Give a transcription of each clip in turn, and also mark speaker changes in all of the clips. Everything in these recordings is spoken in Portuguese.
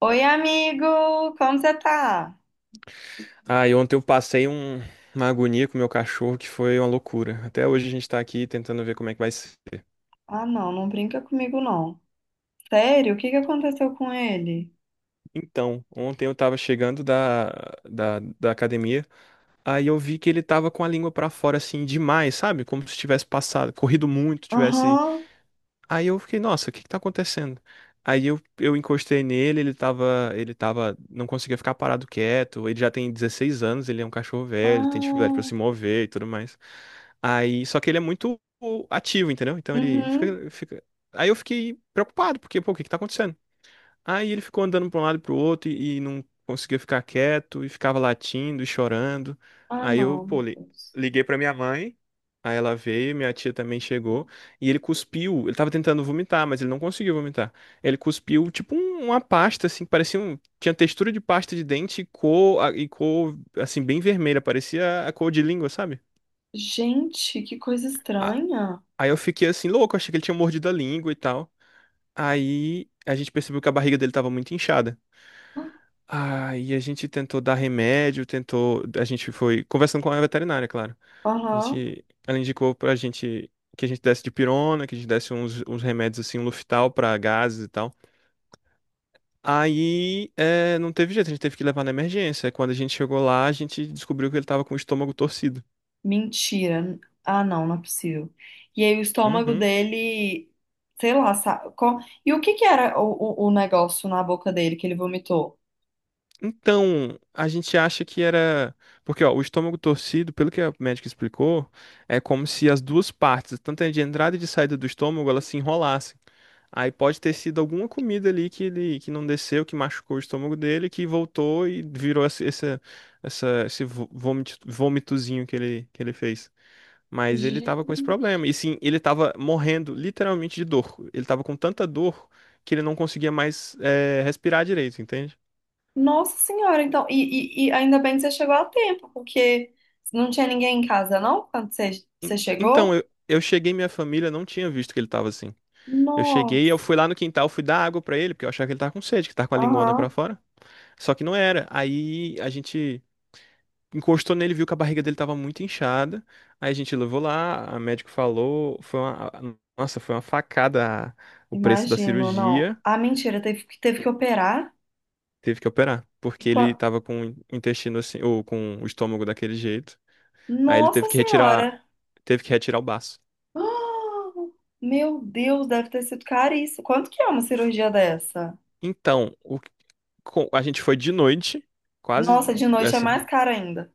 Speaker 1: Oi, amigo! Como você tá?
Speaker 2: Ah, e ontem eu passei uma agonia com o meu cachorro que foi uma loucura. Até hoje a gente tá aqui tentando ver como é que vai ser.
Speaker 1: Ah, não, não brinca comigo, não. Sério? O que que aconteceu com ele?
Speaker 2: Então, ontem eu tava chegando da academia, aí eu vi que ele tava com a língua pra fora assim demais, sabe? Como se tivesse passado, corrido muito, tivesse.
Speaker 1: Aham.
Speaker 2: Aí eu fiquei, nossa, o que que tá acontecendo? Aí eu encostei nele, ele tava, não conseguia ficar parado quieto. Ele já tem 16 anos, ele é um cachorro velho, tem dificuldade
Speaker 1: Ah.
Speaker 2: pra se mover e tudo mais. Aí, só que ele é muito ativo, entendeu? Então ele
Speaker 1: Uhum.
Speaker 2: fica, fica. Aí eu fiquei preocupado, porque, pô, o que que tá acontecendo? Aí ele ficou andando para um lado e pro outro e não conseguia ficar quieto e ficava latindo e chorando.
Speaker 1: Ah,
Speaker 2: Aí eu,
Speaker 1: não,
Speaker 2: pô,
Speaker 1: meu Deus.
Speaker 2: liguei para minha mãe. Aí ela veio, minha tia também chegou, e ele cuspiu. Ele tava tentando vomitar, mas ele não conseguiu vomitar. Ele cuspiu tipo uma pasta assim, que parecia um, tinha textura de pasta de dente e cor, e cor assim bem vermelha, parecia a cor de língua, sabe?
Speaker 1: Gente, que coisa
Speaker 2: A-
Speaker 1: estranha.
Speaker 2: Aí eu fiquei assim louco, achei que ele tinha mordido a língua e tal. Aí a gente percebeu que a barriga dele tava muito inchada. Aí a gente tentou dar remédio, tentou. A gente foi conversando com a veterinária, claro. A
Speaker 1: Aham.
Speaker 2: gente, ela indicou pra gente que a gente desse dipirona, que a gente desse uns remédios assim, um Luftal pra gases e tal. Aí é, não teve jeito, a gente teve que levar na emergência. Quando a gente chegou lá, a gente descobriu que ele tava com o estômago torcido.
Speaker 1: Mentira. Ah, não, não é possível. E aí o estômago
Speaker 2: Uhum.
Speaker 1: dele, sei lá, e o que que era o negócio na boca dele que ele vomitou?
Speaker 2: Então, a gente acha que era. Porque, ó, o estômago torcido, pelo que a médica explicou, é como se as duas partes, tanto a de entrada e de saída do estômago, elas se enrolassem. Aí pode ter sido alguma comida ali que ele que não desceu, que machucou o estômago dele, que voltou e virou esse vômitozinho que ele fez. Mas ele tava com esse
Speaker 1: Gente.
Speaker 2: problema. E sim, ele tava morrendo literalmente de dor. Ele tava com tanta dor que ele não conseguia mais respirar direito, entende?
Speaker 1: Nossa Senhora, então, e ainda bem que você chegou a tempo, porque não tinha ninguém em casa, não? Quando você
Speaker 2: Então,
Speaker 1: chegou?
Speaker 2: eu cheguei, minha família não tinha visto que ele tava assim. Eu cheguei, eu
Speaker 1: Nossa,
Speaker 2: fui lá no quintal, fui dar água pra ele, porque eu achava que ele tava com sede, que tava com a lingona pra
Speaker 1: aham,
Speaker 2: fora. Só que não era. Aí a gente encostou nele, viu que a barriga dele tava muito inchada. Aí a gente levou lá, a médico falou, foi uma, nossa, foi uma facada, o preço da
Speaker 1: imagino, não.
Speaker 2: cirurgia.
Speaker 1: Ah, mentira, teve que operar?
Speaker 2: Teve que operar,
Speaker 1: E
Speaker 2: porque ele
Speaker 1: quan-
Speaker 2: tava com o intestino assim, ou com o estômago daquele jeito. Aí ele
Speaker 1: Nossa Senhora!
Speaker 2: teve que retirar o baço.
Speaker 1: Ah, meu Deus, deve ter sido caríssimo. Quanto que é uma cirurgia dessa?
Speaker 2: Então, o, a gente foi de noite, quase
Speaker 1: Nossa, de noite é
Speaker 2: assim,
Speaker 1: mais caro ainda.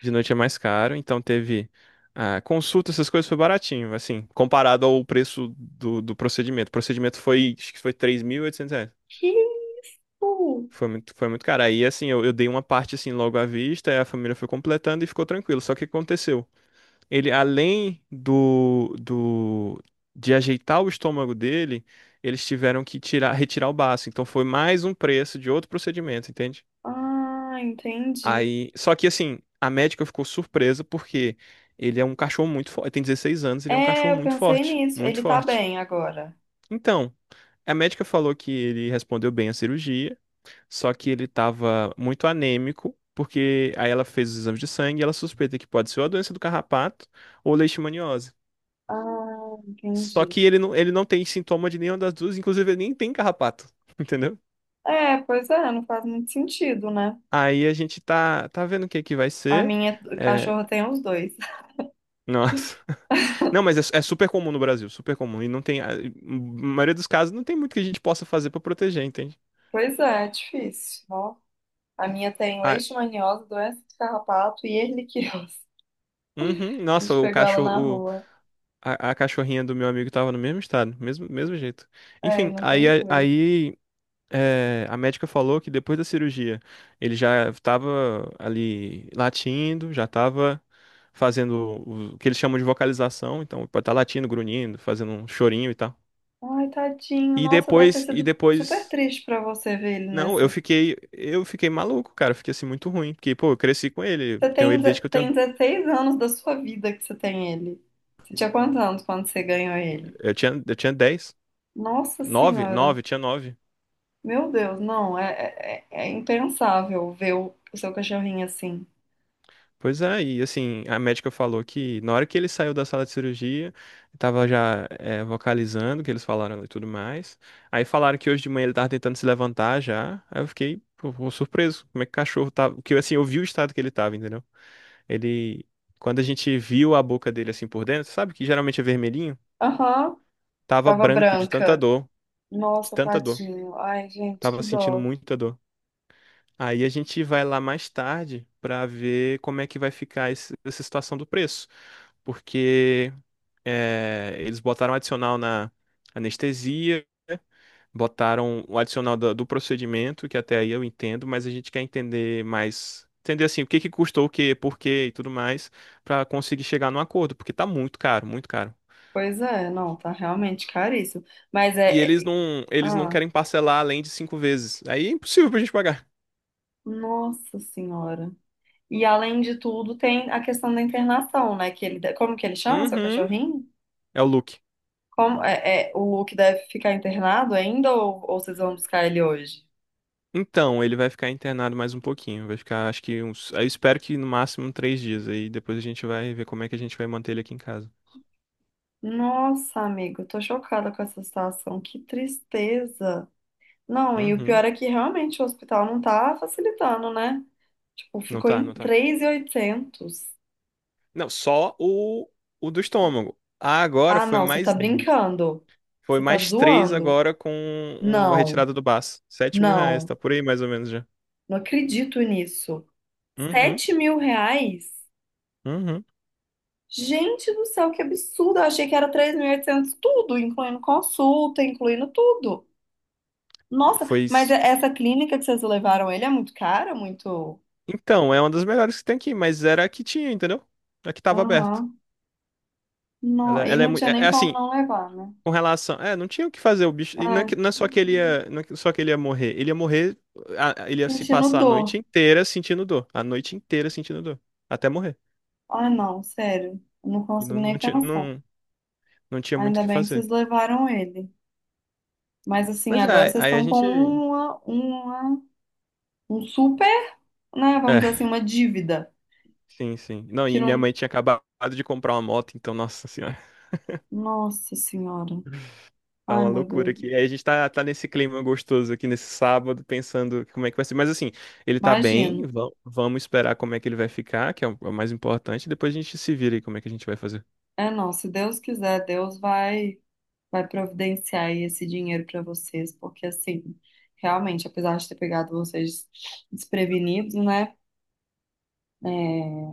Speaker 2: de noite é mais caro, então teve ah, consulta, essas coisas foi baratinho, assim, comparado ao preço do procedimento. O procedimento foi, acho que foi R$ 3.800.
Speaker 1: Que isso?
Speaker 2: Foi muito caro. Aí, assim, eu dei uma parte, assim, logo à vista, aí a família foi completando e ficou tranquilo. Só que o que aconteceu? Ele, além de ajeitar o estômago dele, eles tiveram que tirar, retirar o baço. Então, foi mais um preço de outro procedimento, entende?
Speaker 1: Ah, entendi.
Speaker 2: Aí, só que assim, a médica ficou surpresa porque ele é um cachorro muito forte, tem 16 anos, ele é um
Speaker 1: É,
Speaker 2: cachorro
Speaker 1: eu
Speaker 2: muito
Speaker 1: pensei
Speaker 2: forte,
Speaker 1: nisso.
Speaker 2: muito
Speaker 1: Ele tá
Speaker 2: forte.
Speaker 1: bem agora.
Speaker 2: Então, a médica falou que ele respondeu bem à cirurgia, só que ele estava muito anêmico, porque aí ela fez os exames de sangue e ela suspeita que pode ser ou a doença do carrapato ou leishmaniose.
Speaker 1: Ah,
Speaker 2: Só
Speaker 1: entendi.
Speaker 2: que ele não tem sintoma de nenhuma das duas, inclusive ele nem tem carrapato, entendeu?
Speaker 1: É, pois é, não faz muito sentido, né?
Speaker 2: Aí a gente tá, tá vendo o que que vai
Speaker 1: A
Speaker 2: ser.
Speaker 1: minha
Speaker 2: É,
Speaker 1: cachorra tem os dois.
Speaker 2: nossa. Não, mas é, é super comum no Brasil, super comum. E não tem. A, na maioria dos casos, não tem muito que a gente possa fazer pra proteger, entende?
Speaker 1: Pois é, é difícil. Ó, a minha tem
Speaker 2: Ah,
Speaker 1: leishmaniose, doença de carrapato e erliquiose.
Speaker 2: uhum,
Speaker 1: A
Speaker 2: nossa,
Speaker 1: gente
Speaker 2: o
Speaker 1: pegou ela na
Speaker 2: cachorro.
Speaker 1: rua.
Speaker 2: A cachorrinha do meu amigo tava no mesmo estado, mesmo, mesmo jeito.
Speaker 1: É, e
Speaker 2: Enfim,
Speaker 1: não
Speaker 2: aí,
Speaker 1: tem cura.
Speaker 2: aí é, a médica falou que depois da cirurgia ele já tava ali latindo, já tava fazendo o que eles chamam de vocalização. Então, pode estar latindo, grunhindo, fazendo um chorinho e tal.
Speaker 1: Ai, tadinho.
Speaker 2: E
Speaker 1: Nossa, deve ter
Speaker 2: depois, e
Speaker 1: sido super
Speaker 2: depois.
Speaker 1: triste pra você ver ele
Speaker 2: Não,
Speaker 1: nessa.
Speaker 2: eu fiquei maluco, cara. Eu fiquei assim muito ruim, porque pô, eu cresci com ele. Eu
Speaker 1: Você
Speaker 2: tenho ele desde que eu
Speaker 1: tem
Speaker 2: tenho,
Speaker 1: 16 anos da sua vida que você tem ele. Você tinha quantos anos quando você ganhou ele?
Speaker 2: eu tinha dez,
Speaker 1: Nossa
Speaker 2: nove,
Speaker 1: Senhora.
Speaker 2: nove, tinha 9.
Speaker 1: Meu Deus, não, é impensável ver o seu cachorrinho assim.
Speaker 2: Pois é, e assim, a médica falou que na hora que ele saiu da sala de cirurgia, tava já é, vocalizando, o que eles falaram e tudo mais. Aí falaram que hoje de manhã ele tava tentando se levantar já. Aí eu fiquei, pô, surpreso, como é que o cachorro tava. Porque assim, eu vi o estado que ele tava, entendeu? Ele, quando a gente viu a boca dele assim por dentro, sabe que geralmente é vermelhinho?
Speaker 1: Aham,
Speaker 2: Tava
Speaker 1: tava
Speaker 2: branco de tanta
Speaker 1: branca.
Speaker 2: dor. De
Speaker 1: Nossa,
Speaker 2: tanta dor.
Speaker 1: tadinho. Ai, gente,
Speaker 2: Tava
Speaker 1: que
Speaker 2: sentindo
Speaker 1: dó.
Speaker 2: muita dor. Aí a gente vai lá mais tarde pra ver como é que vai ficar essa situação do preço. Porque é, eles botaram adicional na anestesia, botaram o adicional do procedimento, que até aí eu entendo, mas a gente quer entender mais. Entender assim, o que que custou o quê, por quê e tudo mais, pra conseguir chegar num acordo, porque tá muito caro, muito caro.
Speaker 1: Pois é, não, tá realmente caríssimo. Mas
Speaker 2: E
Speaker 1: é. é-
Speaker 2: eles não
Speaker 1: Ah,
Speaker 2: querem parcelar além de 5 vezes. Aí é impossível pra gente pagar.
Speaker 1: nossa senhora. E além de tudo, tem a questão da internação, né? Como que ele chama seu
Speaker 2: Uhum.
Speaker 1: cachorrinho?
Speaker 2: É o look.
Speaker 1: Como, o Luke deve ficar internado ainda ou vocês vão buscar ele hoje?
Speaker 2: Então, ele vai ficar internado mais um pouquinho. Vai ficar, acho que uns. Eu espero que no máximo 3 dias. Aí depois a gente vai ver como é que a gente vai manter ele aqui em casa.
Speaker 1: Nossa, amigo, eu tô chocada com essa situação. Que tristeza. Não, e o
Speaker 2: Uhum.
Speaker 1: pior é que realmente o hospital não tá facilitando, né? Tipo,
Speaker 2: Não
Speaker 1: ficou
Speaker 2: tá,
Speaker 1: em
Speaker 2: não tá.
Speaker 1: 3.800.
Speaker 2: Não, só o do estômago. Ah, agora
Speaker 1: Ah,
Speaker 2: foi
Speaker 1: não, você tá
Speaker 2: mais.
Speaker 1: brincando.
Speaker 2: Foi
Speaker 1: Você tá
Speaker 2: mais três
Speaker 1: zoando.
Speaker 2: agora com a
Speaker 1: Não,
Speaker 2: retirada do baço. R$ 7.000,
Speaker 1: não,
Speaker 2: tá por aí mais ou menos já.
Speaker 1: não acredito nisso.
Speaker 2: Uhum,
Speaker 1: 7.000 reais?
Speaker 2: uhum.
Speaker 1: Gente do céu, que absurdo. Eu achei que era 3.800 tudo, incluindo consulta, incluindo tudo. Nossa,
Speaker 2: Foi. Isso.
Speaker 1: essa clínica que vocês levaram ele é muito cara, muito...
Speaker 2: Então, é uma das melhores que tem aqui, mas era a que tinha, entendeu? A que tava aberta.
Speaker 1: Aham.
Speaker 2: Ela,
Speaker 1: Não, e
Speaker 2: ela é
Speaker 1: não
Speaker 2: muito.
Speaker 1: tinha
Speaker 2: É, é
Speaker 1: nem como
Speaker 2: assim.
Speaker 1: não levar, né?
Speaker 2: Com relação. É, não tinha o que fazer o bicho. E não é,
Speaker 1: É,
Speaker 2: que- não é só que ele ia, não é que- só que ele ia morrer. Ele ia morrer. Ele ia se
Speaker 1: sentindo
Speaker 2: passar a
Speaker 1: dor.
Speaker 2: noite inteira sentindo dor. A noite inteira sentindo dor. Até morrer.
Speaker 1: Ah, não, sério. Eu não
Speaker 2: E não,
Speaker 1: consigo
Speaker 2: não
Speaker 1: nem
Speaker 2: tinha,
Speaker 1: pensar.
Speaker 2: não, não tinha muito o
Speaker 1: Ainda
Speaker 2: que
Speaker 1: bem que
Speaker 2: fazer.
Speaker 1: vocês levaram ele. Mas assim,
Speaker 2: Mas
Speaker 1: agora
Speaker 2: é,
Speaker 1: vocês
Speaker 2: aí a
Speaker 1: estão com
Speaker 2: gente.
Speaker 1: um super, né? Vamos dizer assim,
Speaker 2: É,
Speaker 1: uma dívida.
Speaker 2: sim, sim. Não,
Speaker 1: Que
Speaker 2: e minha
Speaker 1: não.
Speaker 2: mãe tinha acabado de comprar uma moto, então, nossa senhora,
Speaker 1: Nossa Senhora.
Speaker 2: tá
Speaker 1: Ai,
Speaker 2: uma
Speaker 1: meu
Speaker 2: loucura
Speaker 1: Deus.
Speaker 2: aqui. Aí a gente tá, tá nesse clima gostoso aqui nesse sábado, pensando como é que vai ser. Mas assim, ele tá bem,
Speaker 1: Imagino.
Speaker 2: vamos esperar como é que ele vai ficar, que é o mais importante. Depois a gente se vira aí como é que a gente vai fazer.
Speaker 1: É, não. Se Deus quiser, Deus vai providenciar aí esse dinheiro para vocês. Porque assim, realmente, apesar de ter pegado vocês desprevenidos, né? É,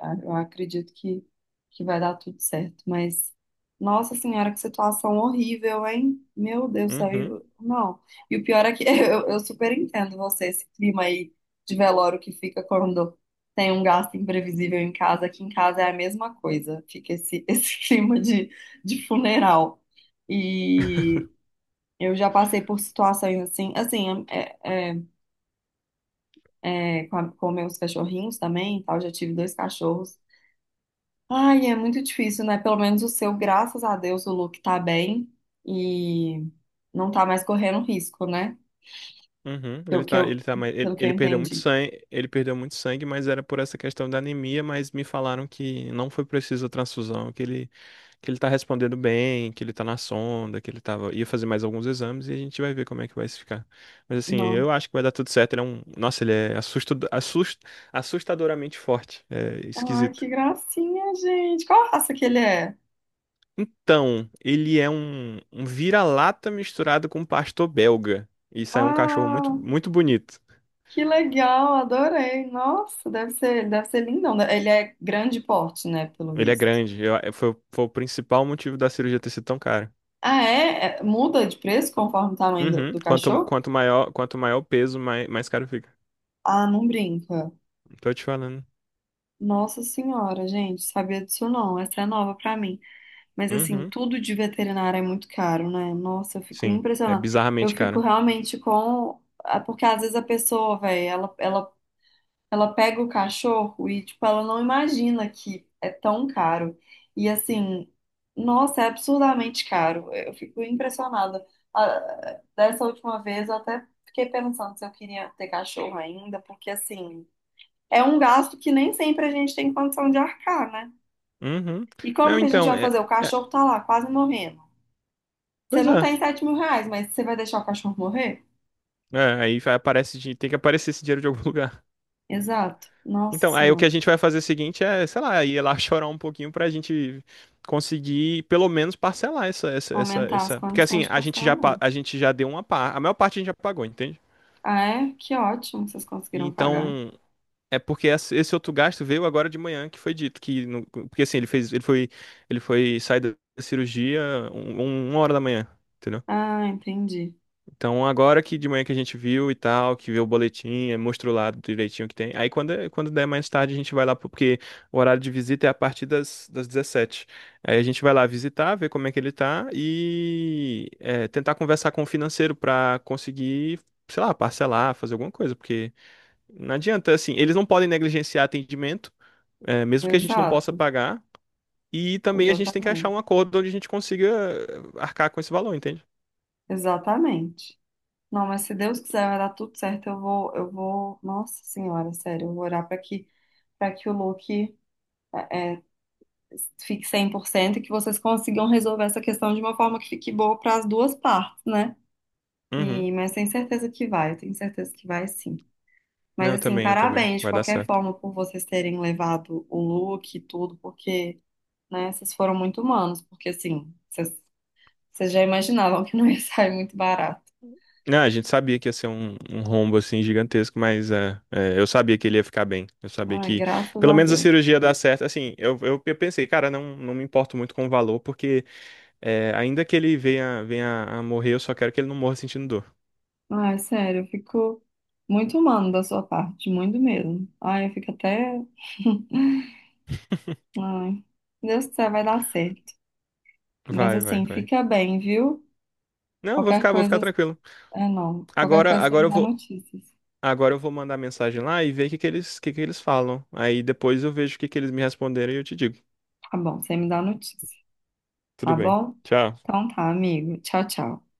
Speaker 1: eu acredito que vai dar tudo certo, mas nossa senhora, que situação horrível, hein? Meu Deus do céu,
Speaker 2: Uhum.
Speaker 1: não. E o pior é que eu super entendo você, esse clima aí de velório que fica quando tem um gasto imprevisível em casa, aqui em casa é a mesma coisa, fica esse, esse clima de funeral. E eu já passei por situações assim, assim, é, com, com meus cachorrinhos também, e tal, já tive dois cachorros. Ai, é muito difícil, né? Pelo menos o seu, graças a Deus, o Luke tá bem e não tá mais correndo risco, né?
Speaker 2: Uhum.
Speaker 1: Pelo que eu,
Speaker 2: Ele tá mais, ele,
Speaker 1: pelo que eu
Speaker 2: ele perdeu muito
Speaker 1: entendi.
Speaker 2: sangue, ele perdeu muito sangue, mas era por essa questão da anemia, mas me falaram que não foi preciso a transfusão, que ele tá respondendo bem, que ele tá na sonda, que ele tava ia fazer mais alguns exames e a gente vai ver como é que vai se ficar. Mas assim,
Speaker 1: Não.
Speaker 2: eu acho que vai dar tudo certo, ele é um, nossa, ele é assustadoramente forte, é
Speaker 1: Ai,
Speaker 2: esquisito.
Speaker 1: que gracinha, gente. Qual raça que ele é?
Speaker 2: Então, ele é um, vira-lata misturado com um pastor belga. E saiu um cachorro muito,
Speaker 1: Ah,
Speaker 2: muito bonito.
Speaker 1: que legal, adorei. Nossa, deve ser lindão. Né? Ele é grande porte, né? Pelo
Speaker 2: Ele é
Speaker 1: visto.
Speaker 2: grande. Foi o principal motivo da cirurgia ter sido tão cara.
Speaker 1: Ah, é? Muda de preço conforme o tamanho do,
Speaker 2: Uhum.
Speaker 1: do
Speaker 2: Quanto,
Speaker 1: cachorro?
Speaker 2: quanto maior, quanto maior o peso, mais caro fica.
Speaker 1: Ah, não brinca.
Speaker 2: Tô te falando.
Speaker 1: Nossa senhora, gente, sabia disso não. Essa é nova pra mim. Mas assim,
Speaker 2: Uhum.
Speaker 1: tudo de veterinário é muito caro, né? Nossa, eu fico
Speaker 2: Sim, é
Speaker 1: impressionada. Eu
Speaker 2: bizarramente
Speaker 1: fico
Speaker 2: caro.
Speaker 1: realmente porque às vezes a pessoa, velho, ela pega o cachorro e, tipo, ela não imagina que é tão caro. E assim, nossa, é absurdamente caro. Eu fico impressionada. Ah, dessa última vez eu até fiquei pensando se eu queria ter cachorro ainda, porque assim, é um gasto que nem sempre a gente tem condição de arcar, né?
Speaker 2: Uhum.
Speaker 1: E como
Speaker 2: Não,
Speaker 1: que a gente
Speaker 2: então,
Speaker 1: vai
Speaker 2: é,
Speaker 1: fazer? O
Speaker 2: é-
Speaker 1: cachorro tá lá, quase morrendo. Você
Speaker 2: pois
Speaker 1: não
Speaker 2: é.
Speaker 1: tem 7.000 reais, mas você vai deixar o cachorro morrer?
Speaker 2: É, aí aparece, tem que aparecer esse dinheiro de algum lugar.
Speaker 1: Exato. Nossa
Speaker 2: Então, aí o que
Speaker 1: Senhora.
Speaker 2: a gente vai fazer é o seguinte é, sei lá, ir lá chorar um pouquinho pra gente conseguir pelo menos parcelar essa, essa, essa,
Speaker 1: Aumentar as
Speaker 2: essa. Porque
Speaker 1: condições
Speaker 2: assim,
Speaker 1: de
Speaker 2: a gente já,
Speaker 1: parcelamento.
Speaker 2: a gente já deu uma parte, a maior parte a gente já pagou, entende?
Speaker 1: Ah, é? Que ótimo que vocês conseguiram pagar.
Speaker 2: Então, é porque esse outro gasto veio agora de manhã que foi dito que no- porque assim ele foi sair da cirurgia um, uma hora da manhã, entendeu?
Speaker 1: Ah, entendi.
Speaker 2: Então agora que de manhã que a gente viu e tal, que viu o boletim, mostrou lá direitinho o que tem. Aí quando quando der mais tarde a gente vai lá porque o horário de visita é a partir das 17h. Aí a gente vai lá visitar, ver como é que ele tá e tentar conversar com o financeiro pra conseguir, sei lá, parcelar, fazer alguma coisa, porque não adianta assim, eles não podem negligenciar atendimento é, mesmo que a gente não possa
Speaker 1: Exato.
Speaker 2: pagar. E também a gente tem que achar
Speaker 1: Exatamente.
Speaker 2: um acordo onde a gente consiga arcar com esse valor, entende?
Speaker 1: Exatamente. Não, mas se Deus quiser vai dar tudo certo, eu vou, nossa senhora, sério, eu vou orar para que o Luke eh, fique 100% e que vocês consigam resolver essa questão de uma forma que fique boa para as duas partes, né?
Speaker 2: Uhum.
Speaker 1: Mas tenho certeza que vai sim.
Speaker 2: Não, eu
Speaker 1: Mas assim,
Speaker 2: também, eu também.
Speaker 1: parabéns de
Speaker 2: Vai dar
Speaker 1: qualquer
Speaker 2: certo.
Speaker 1: forma por vocês terem levado o look e tudo, porque, né, vocês foram muito humanos, porque assim, vocês já imaginavam que não ia sair muito barato.
Speaker 2: Não, a gente sabia que ia ser um, um rombo assim gigantesco, mas eu sabia que ele ia ficar bem. Eu sabia
Speaker 1: Ai,
Speaker 2: que
Speaker 1: graças
Speaker 2: pelo
Speaker 1: a
Speaker 2: menos a
Speaker 1: Deus.
Speaker 2: cirurgia ia dar certo. Assim, eu pensei, cara, não, não me importo muito com o valor, porque é, ainda que ele venha a morrer, eu só quero que ele não morra sentindo dor.
Speaker 1: Ai, sério, eu fico muito humano da sua parte, muito mesmo. Ai, eu fico até. Ai, Deus quiser, vai dar certo. Mas
Speaker 2: Vai, vai,
Speaker 1: assim,
Speaker 2: vai.
Speaker 1: fica bem, viu?
Speaker 2: Não, eu
Speaker 1: Qualquer
Speaker 2: vou ficar
Speaker 1: coisa.
Speaker 2: tranquilo.
Speaker 1: É, não. Qualquer
Speaker 2: Agora,
Speaker 1: coisa você
Speaker 2: agora
Speaker 1: me
Speaker 2: eu
Speaker 1: dá
Speaker 2: vou,
Speaker 1: notícias.
Speaker 2: Agora eu vou mandar mensagem lá e ver o que que eles falam. Aí depois eu vejo o que que eles me responderem e eu te digo.
Speaker 1: Tá bom, você me dá notícia,
Speaker 2: Tudo
Speaker 1: tá
Speaker 2: bem.
Speaker 1: bom?
Speaker 2: Tchau.
Speaker 1: Então tá, amigo. Tchau, tchau.